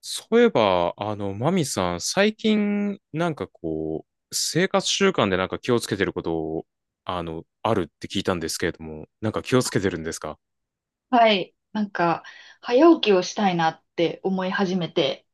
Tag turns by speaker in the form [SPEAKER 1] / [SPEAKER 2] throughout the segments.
[SPEAKER 1] そういえば、マミさん、最近、なんかこう、生活習慣でなんか気をつけてることを、あるって聞いたんですけれども、なんか気をつけてるんですか？
[SPEAKER 2] はい。なんか、早起きをしたいなって思い始めて、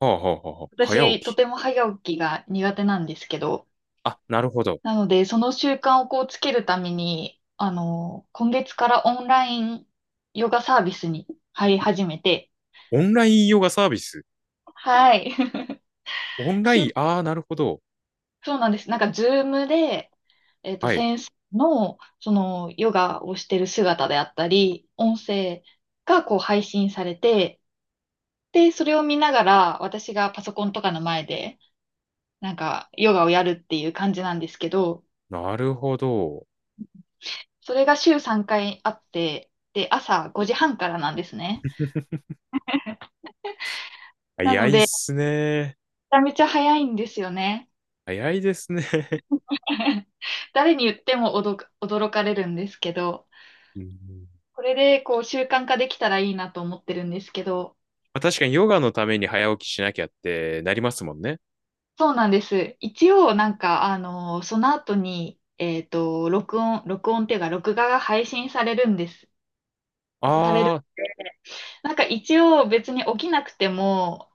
[SPEAKER 1] はあはあはあはあ、早
[SPEAKER 2] 私、と
[SPEAKER 1] 起き。
[SPEAKER 2] ても早起きが苦手なんですけど、
[SPEAKER 1] あ、なるほど。
[SPEAKER 2] なので、その習慣をこうつけるために、今月からオンラインヨガサービスに入り始めて、
[SPEAKER 1] オンラインヨガサービス。
[SPEAKER 2] はい。
[SPEAKER 1] オンラ
[SPEAKER 2] 週
[SPEAKER 1] イン、ああ、なるほど。
[SPEAKER 2] そうなんです。なんか、ズームで、
[SPEAKER 1] はい。
[SPEAKER 2] 先生の、その、ヨガをしてる姿であったり、音声がこう配信されて、で、それを見ながら、私がパソコンとかの前で、なんか、ヨガをやるっていう感じなんですけど、
[SPEAKER 1] なるほど。
[SPEAKER 2] それが週3回あって、で、朝5時半からなんですね。な
[SPEAKER 1] 早
[SPEAKER 2] の
[SPEAKER 1] い
[SPEAKER 2] で、
[SPEAKER 1] っ
[SPEAKER 2] めち
[SPEAKER 1] すね。
[SPEAKER 2] ゃめちゃ早いんですよね。
[SPEAKER 1] 早いですね。
[SPEAKER 2] 誰に言っても驚かれるんですけど、
[SPEAKER 1] うん、
[SPEAKER 2] これでこう習慣化できたらいいなと思ってるんですけど、
[SPEAKER 1] まあ確かにヨガのために早起きしなきゃってなりますもんね。
[SPEAKER 2] そうなんです。一応、なんか、その後に、録音っていうか、録画が配信されるんです。されるん
[SPEAKER 1] あ
[SPEAKER 2] で、なんか一応別に起きなくても、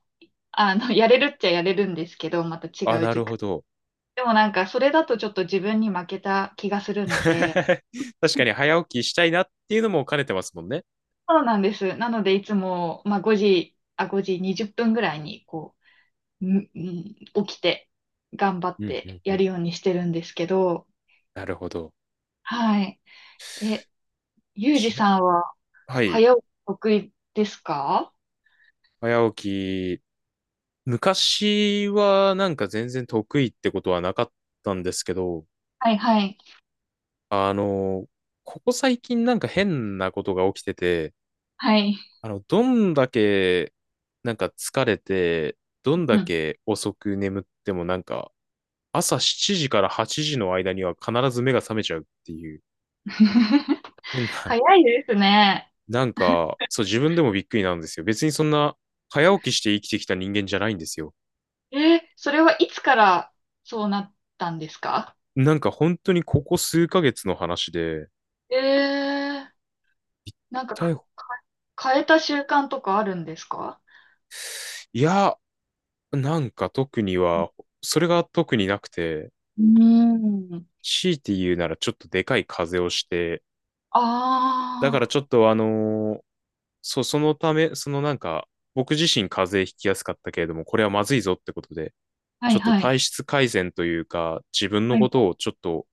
[SPEAKER 2] やれるっちゃやれるんですけど、また
[SPEAKER 1] あ、あ、
[SPEAKER 2] 違う
[SPEAKER 1] な
[SPEAKER 2] 時
[SPEAKER 1] るほ
[SPEAKER 2] 間。
[SPEAKER 1] ど。
[SPEAKER 2] でもなんか、それだとちょっと自分に負けた気がするので、
[SPEAKER 1] 確かに早起きしたいなっていうのも兼ねてますもんね。
[SPEAKER 2] そうなんです。なので、いつも、まあ、5時20分ぐらいに、こう、起きて、頑張っ
[SPEAKER 1] うんう
[SPEAKER 2] て
[SPEAKER 1] んう
[SPEAKER 2] やる
[SPEAKER 1] ん。
[SPEAKER 2] ようにしてるんですけど、
[SPEAKER 1] なるほど。
[SPEAKER 2] はい。え、ゆうじ
[SPEAKER 1] ちな
[SPEAKER 2] さんは、
[SPEAKER 1] はい。
[SPEAKER 2] 早起き得意ですか？
[SPEAKER 1] 早起き。昔はなんか全然得意ってことはなかったんですけど、
[SPEAKER 2] はい、はい、
[SPEAKER 1] あの、ここ最近なんか変なことが起きてて、
[SPEAKER 2] はい。
[SPEAKER 1] どんだけなんか疲れて、どん
[SPEAKER 2] う
[SPEAKER 1] だ
[SPEAKER 2] ん。
[SPEAKER 1] け遅く眠ってもなんか朝7時から8時の間には必ず目が覚めちゃうっていう 変な、
[SPEAKER 2] 早いですね。
[SPEAKER 1] なんか、そう、自分でもびっくりなんですよ。別にそんな早起きして生きてきた人間じゃないんですよ。
[SPEAKER 2] え、それはいつからそうなったんですか？
[SPEAKER 1] なんか本当にここ数ヶ月の話で、
[SPEAKER 2] ええ、なんか
[SPEAKER 1] 逮
[SPEAKER 2] か、
[SPEAKER 1] 捕、
[SPEAKER 2] か変えた習慣とかあるんですか？
[SPEAKER 1] いや、なんか特には、それが特になくて、
[SPEAKER 2] うーん。
[SPEAKER 1] 強いて言うならちょっとでかい風邪をして、だから
[SPEAKER 2] あ
[SPEAKER 1] ちょっとそう、そのため、そのなんか、僕自身風邪ひきやすかったけれども、これはまずいぞってことで、
[SPEAKER 2] あ、は
[SPEAKER 1] ち
[SPEAKER 2] い
[SPEAKER 1] ょっと
[SPEAKER 2] はい。
[SPEAKER 1] 体質改善というか、自分の
[SPEAKER 2] はい。
[SPEAKER 1] ことをちょっと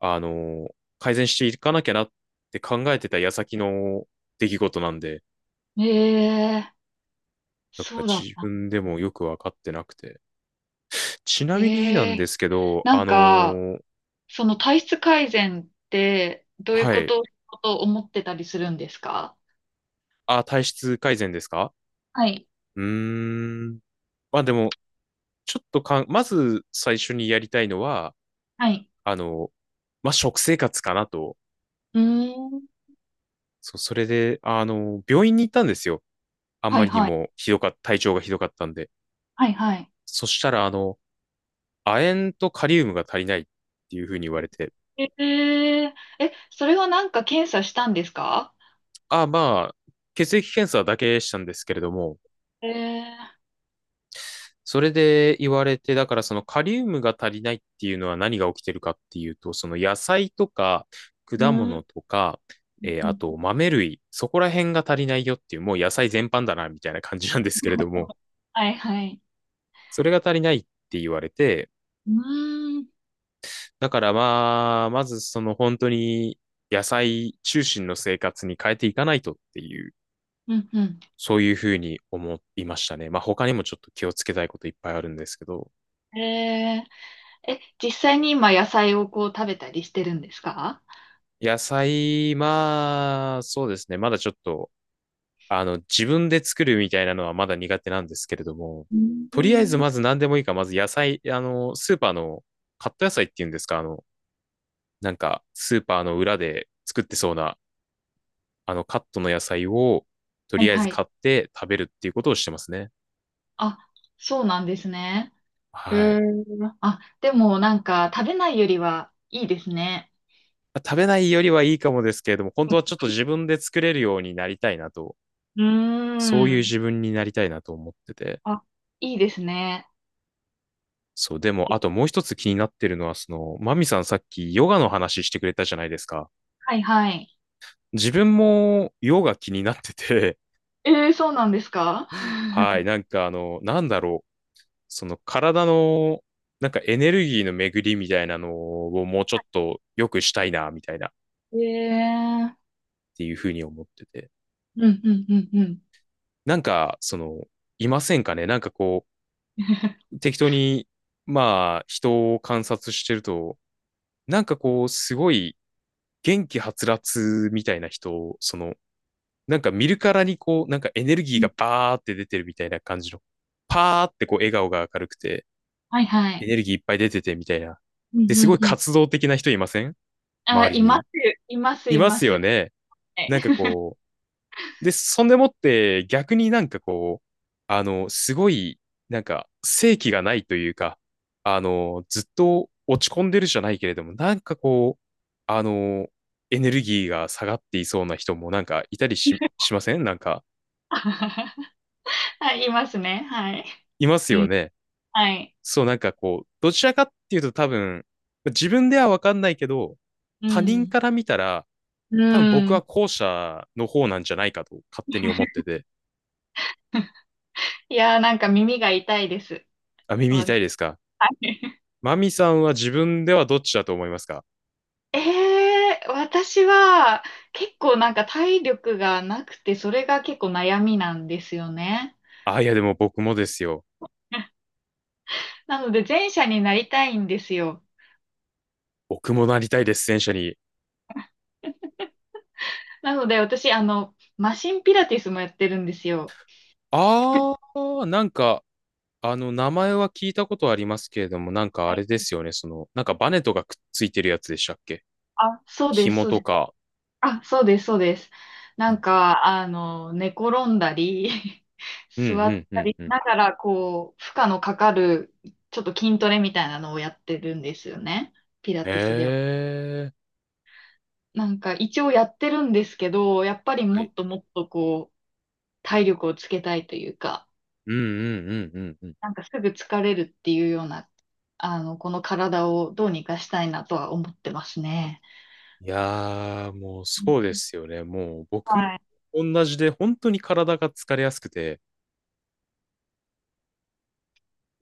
[SPEAKER 1] 改善していかなきゃなって考えてた矢先の出来事なんで、
[SPEAKER 2] ええ、
[SPEAKER 1] だから
[SPEAKER 2] そうだっ
[SPEAKER 1] 自
[SPEAKER 2] た。
[SPEAKER 1] 分でもよくわかってなくて。ちなみにな
[SPEAKER 2] え
[SPEAKER 1] んで
[SPEAKER 2] え、
[SPEAKER 1] すけど、
[SPEAKER 2] なんか、その体質改善ってどういう
[SPEAKER 1] は
[SPEAKER 2] こ
[SPEAKER 1] い。
[SPEAKER 2] とと思ってたりするんですか？
[SPEAKER 1] あ、体質改善ですか？
[SPEAKER 2] はい。
[SPEAKER 1] うーん。まあでも、ちょっとまず最初にやりたいのは、
[SPEAKER 2] はい。
[SPEAKER 1] あの、まあ食生活かなと。
[SPEAKER 2] うーん。
[SPEAKER 1] そう、それで、病院に行ったんですよ。あん
[SPEAKER 2] は
[SPEAKER 1] ま
[SPEAKER 2] い
[SPEAKER 1] りに
[SPEAKER 2] はい。
[SPEAKER 1] もひどかった、体調がひどかったんで。
[SPEAKER 2] はいはい。
[SPEAKER 1] そしたら、亜鉛とカリウムが足りないっていうふうに言われて、
[SPEAKER 2] えええ、それはなんか検査したんですか？
[SPEAKER 1] ああ、まあ、血液検査だけしたんですけれども、
[SPEAKER 2] ええ。
[SPEAKER 1] それで言われて、だからそのカリウムが足りないっていうのは何が起きてるかっていうと、その野菜とか
[SPEAKER 2] う
[SPEAKER 1] 果
[SPEAKER 2] ー
[SPEAKER 1] 物
[SPEAKER 2] ん。
[SPEAKER 1] とか、あと豆類、そこら辺が足りないよっていう、もう野菜全般だなみたいな感じなんですけれども、
[SPEAKER 2] はいはい。
[SPEAKER 1] それが足りないって言われて、
[SPEAKER 2] うーん。
[SPEAKER 1] だからまあ、まずその本当に野菜中心の生活に変えていかないとっていう、
[SPEAKER 2] うんうん。
[SPEAKER 1] そういうふうに思いましたね。まあ他にもちょっと気をつけたいこといっぱいあるんですけど、
[SPEAKER 2] ええ、実際に今野菜をこう食べたりしてるんですか？
[SPEAKER 1] 野菜、まあそうですね。まだちょっと、自分で作るみたいなのはまだ苦手なんですけれども、
[SPEAKER 2] う
[SPEAKER 1] とりあえず
[SPEAKER 2] ん。
[SPEAKER 1] まず何でもいいから、まず野菜、スーパーのカット野菜っていうんですか、なんかスーパーの裏で作ってそうな、あのカットの野菜をと
[SPEAKER 2] はい
[SPEAKER 1] りあえず
[SPEAKER 2] はい。
[SPEAKER 1] 買って食べるっていうことをしてますね。
[SPEAKER 2] あ、そうなんですね。う
[SPEAKER 1] はい。
[SPEAKER 2] ーあ、でもなんか食べないよりはいいですね。
[SPEAKER 1] 食べないよりはいいかもですけれども、本当はちょっと自分で作れるようになりたいなと、
[SPEAKER 2] う
[SPEAKER 1] そういう
[SPEAKER 2] ーん。
[SPEAKER 1] 自分になりたいなと思ってて。
[SPEAKER 2] あ、いいですね。
[SPEAKER 1] そう、でも、あともう一つ気になってるのは、その、マミさんさっきヨガの話してくれたじゃないですか。
[SPEAKER 2] はいはい。
[SPEAKER 1] 自分もヨガ気になってて、
[SPEAKER 2] えー、そうなんですか？
[SPEAKER 1] はい、なんかなんだろう、その体の、なんかエネルギーの巡りみたいなのをもうちょっと良くしたいな、みたいなっ
[SPEAKER 2] えー、
[SPEAKER 1] ていうふうに思ってて。
[SPEAKER 2] うんうんうんうん。
[SPEAKER 1] なんか、その、いませんかね、なんかこ う、適当に、まあ、人を観察してると、なんかこう、すごい元気はつらつみたいな人を、その、なんか見るからにこう、なんかエネルギー
[SPEAKER 2] うん。
[SPEAKER 1] がバーって出てるみたいな感じの、パーってこう笑顔が明るくて、
[SPEAKER 2] はいは
[SPEAKER 1] エ
[SPEAKER 2] い。
[SPEAKER 1] ネルギーいっぱい出ててみたいな。
[SPEAKER 2] うん
[SPEAKER 1] で、
[SPEAKER 2] う
[SPEAKER 1] すごい
[SPEAKER 2] んうん。
[SPEAKER 1] 活動的な人いません、
[SPEAKER 2] あ、
[SPEAKER 1] 周り
[SPEAKER 2] います、
[SPEAKER 1] に？
[SPEAKER 2] います、
[SPEAKER 1] い
[SPEAKER 2] い
[SPEAKER 1] ま
[SPEAKER 2] ま
[SPEAKER 1] す
[SPEAKER 2] す。
[SPEAKER 1] よね。
[SPEAKER 2] は
[SPEAKER 1] なんか
[SPEAKER 2] い。
[SPEAKER 1] こう、で、そんでもって逆になんかこう、すごい、なんか、生気がないというか、ずっと落ち込んでるじゃないけれども、なんかこう、あの、エネルギーが下がっていそうな人もなんかいたりしません、なんか。
[SPEAKER 2] はい、いますね。はい。
[SPEAKER 1] いますよね。
[SPEAKER 2] はい。
[SPEAKER 1] そう、なんかこう、どちらかっていうと多分、自分ではわかんないけど、
[SPEAKER 2] う
[SPEAKER 1] 他人
[SPEAKER 2] ん。
[SPEAKER 1] から見たら、
[SPEAKER 2] う
[SPEAKER 1] 多分僕は
[SPEAKER 2] ん。
[SPEAKER 1] 後者の方なんじゃないかと勝手に思ってて、
[SPEAKER 2] いやー、なんか耳が痛いです。
[SPEAKER 1] あ、耳痛
[SPEAKER 2] 私。
[SPEAKER 1] いですか？ マミさんは自分ではどっちだと思いますか？
[SPEAKER 2] えー、私は結構なんか体力がなくて、それが結構悩みなんですよね。
[SPEAKER 1] あ、いやでも僕もですよ。
[SPEAKER 2] なので前者になりたいんですよ。
[SPEAKER 1] 僕もなりたいです、戦車に。
[SPEAKER 2] なので私、マシンピラティスもやってるんですよ。
[SPEAKER 1] あー、なんか、名前は聞いたことありますけれども、なんかあ
[SPEAKER 2] はい。
[SPEAKER 1] れですよね、その、なんかバネとかくっついてるやつでしたっけ？
[SPEAKER 2] あ、そうです、
[SPEAKER 1] 紐
[SPEAKER 2] そう
[SPEAKER 1] と
[SPEAKER 2] です。
[SPEAKER 1] か。
[SPEAKER 2] あ、そうです、そうです。な
[SPEAKER 1] うん。
[SPEAKER 2] んか、寝転んだり、
[SPEAKER 1] うんう
[SPEAKER 2] 座っ
[SPEAKER 1] んう
[SPEAKER 2] た
[SPEAKER 1] ん
[SPEAKER 2] りし
[SPEAKER 1] うん。
[SPEAKER 2] ながら、こう、負荷のかかる、ちょっと筋トレみたいなのをやってるんですよね。ピラ
[SPEAKER 1] へ
[SPEAKER 2] ティスでは。
[SPEAKER 1] ー。
[SPEAKER 2] なんか、一応やってるんですけど、やっぱり
[SPEAKER 1] は
[SPEAKER 2] も
[SPEAKER 1] い。
[SPEAKER 2] っともっと、こう、体力をつけたいというか、
[SPEAKER 1] うんうんうんうんうん。
[SPEAKER 2] なんかすぐ疲れるっていうような、この体をどうにかしたいなとは思ってますね。
[SPEAKER 1] いやー、もうそうですよね。もう僕も
[SPEAKER 2] はい。
[SPEAKER 1] 同じで、本当に体が疲れやすくて、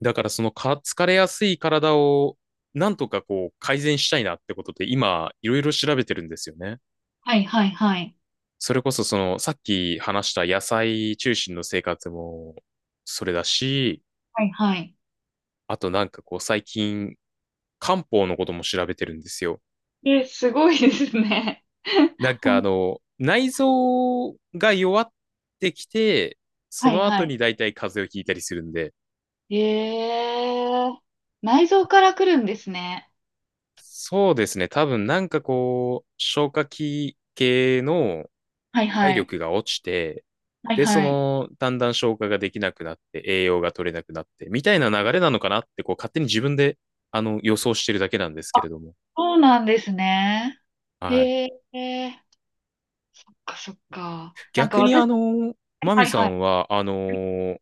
[SPEAKER 1] だからその疲れやすい体をなんとかこう改善したいなってことで今いろいろ調べてるんですよね。
[SPEAKER 2] はい、はい、はい。
[SPEAKER 1] それこそそのさっき話した野菜中心の生活もそれだし、
[SPEAKER 2] はい、はい。
[SPEAKER 1] あとなんかこう最近漢方のことも調べてるんですよ。
[SPEAKER 2] え、すごいですね。
[SPEAKER 1] なん
[SPEAKER 2] ほ
[SPEAKER 1] か
[SPEAKER 2] ん、
[SPEAKER 1] 内臓が弱ってきて、そ
[SPEAKER 2] はい
[SPEAKER 1] の後
[SPEAKER 2] は
[SPEAKER 1] に大体風邪をひいたりするんで、
[SPEAKER 2] い。えー、内臓から来るんですね。
[SPEAKER 1] そうですね。多分なんかこう消化器系の
[SPEAKER 2] はい
[SPEAKER 1] 体
[SPEAKER 2] はい。
[SPEAKER 1] 力が落ちて、
[SPEAKER 2] はい
[SPEAKER 1] で、そ
[SPEAKER 2] はい。
[SPEAKER 1] の、だんだん消化ができなくなって、栄養が取れなくなって、みたいな流れなのかなって、こう、勝手に自分で、予想してるだけなんです
[SPEAKER 2] あ、
[SPEAKER 1] けれども。
[SPEAKER 2] そうなんですね。
[SPEAKER 1] はい。
[SPEAKER 2] へえ、そっかそっか。なんか
[SPEAKER 1] 逆に、
[SPEAKER 2] 私。
[SPEAKER 1] マ
[SPEAKER 2] は
[SPEAKER 1] ミ
[SPEAKER 2] い
[SPEAKER 1] さ
[SPEAKER 2] はい。
[SPEAKER 1] んは、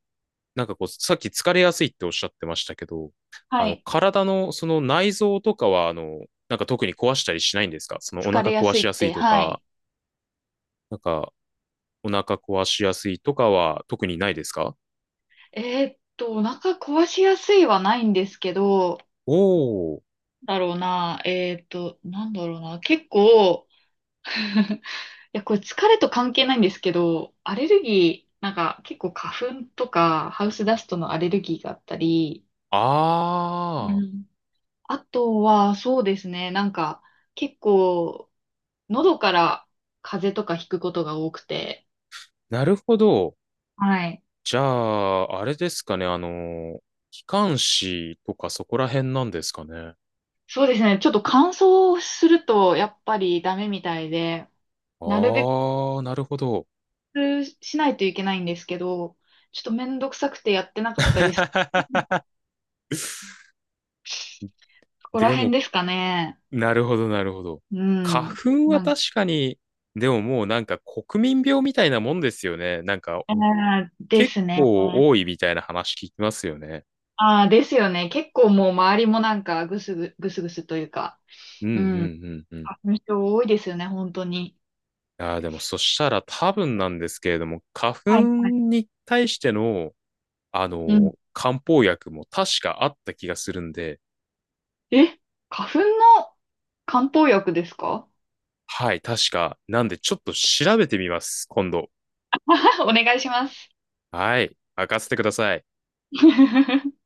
[SPEAKER 1] なんかこう、さっき疲れやすいっておっしゃってましたけど、
[SPEAKER 2] はい。
[SPEAKER 1] 体のその内臓とかは、なんか特に壊したりしないんですか？そのお
[SPEAKER 2] 疲
[SPEAKER 1] 腹
[SPEAKER 2] れや
[SPEAKER 1] 壊
[SPEAKER 2] すい
[SPEAKER 1] しや
[SPEAKER 2] っ
[SPEAKER 1] すい
[SPEAKER 2] て、
[SPEAKER 1] と
[SPEAKER 2] は
[SPEAKER 1] か、
[SPEAKER 2] い。
[SPEAKER 1] なんかお腹壊しやすいとかは特にないですか？
[SPEAKER 2] お腹壊しやすいはないんですけど、
[SPEAKER 1] おー、
[SPEAKER 2] だろうな、なんだろうな、結構。や、これ疲れと関係ないんですけど、アレルギー、なんか結構花粉とかハウスダストのアレルギーがあったり、う
[SPEAKER 1] あー。
[SPEAKER 2] ん。あとはそうですね、なんか結構喉から風邪とかひくことが多くて、
[SPEAKER 1] なるほど。
[SPEAKER 2] はい。
[SPEAKER 1] じゃあ、あれですかね。機関士とかそこら辺なんですかね。
[SPEAKER 2] そうですね、ちょっと乾燥するとやっぱりダメみたいで、なるべ
[SPEAKER 1] ああ、なるほど。
[SPEAKER 2] くしないといけないんですけど、ちょっとめんどくさくてやってなかったりす、ここら
[SPEAKER 1] で
[SPEAKER 2] 辺
[SPEAKER 1] も、
[SPEAKER 2] ですかね。
[SPEAKER 1] なるほど、なるほど。
[SPEAKER 2] う
[SPEAKER 1] 花
[SPEAKER 2] ん。
[SPEAKER 1] 粉は
[SPEAKER 2] なん
[SPEAKER 1] 確かに、でももうなんか国民病みたいなもんですよね。なんか
[SPEAKER 2] ああ、で
[SPEAKER 1] 結
[SPEAKER 2] すね。
[SPEAKER 1] 構多いみたいな話聞きますよね。
[SPEAKER 2] ああ、ですよね。結構もう周りもなんかぐすぐすというか、
[SPEAKER 1] うんう
[SPEAKER 2] うん。
[SPEAKER 1] んうんうん。
[SPEAKER 2] 花粉症多いですよね、本当に。
[SPEAKER 1] ああ、でもそしたら多分なんですけれども、花粉
[SPEAKER 2] はいはい。
[SPEAKER 1] に対しての
[SPEAKER 2] うん。
[SPEAKER 1] 漢方薬も確かあった気がするんで、
[SPEAKER 2] え、花粉の漢方薬ですか？
[SPEAKER 1] はい、確か。なんで、ちょっと調べてみます、今度。
[SPEAKER 2] お願いします。
[SPEAKER 1] はい、任せてください。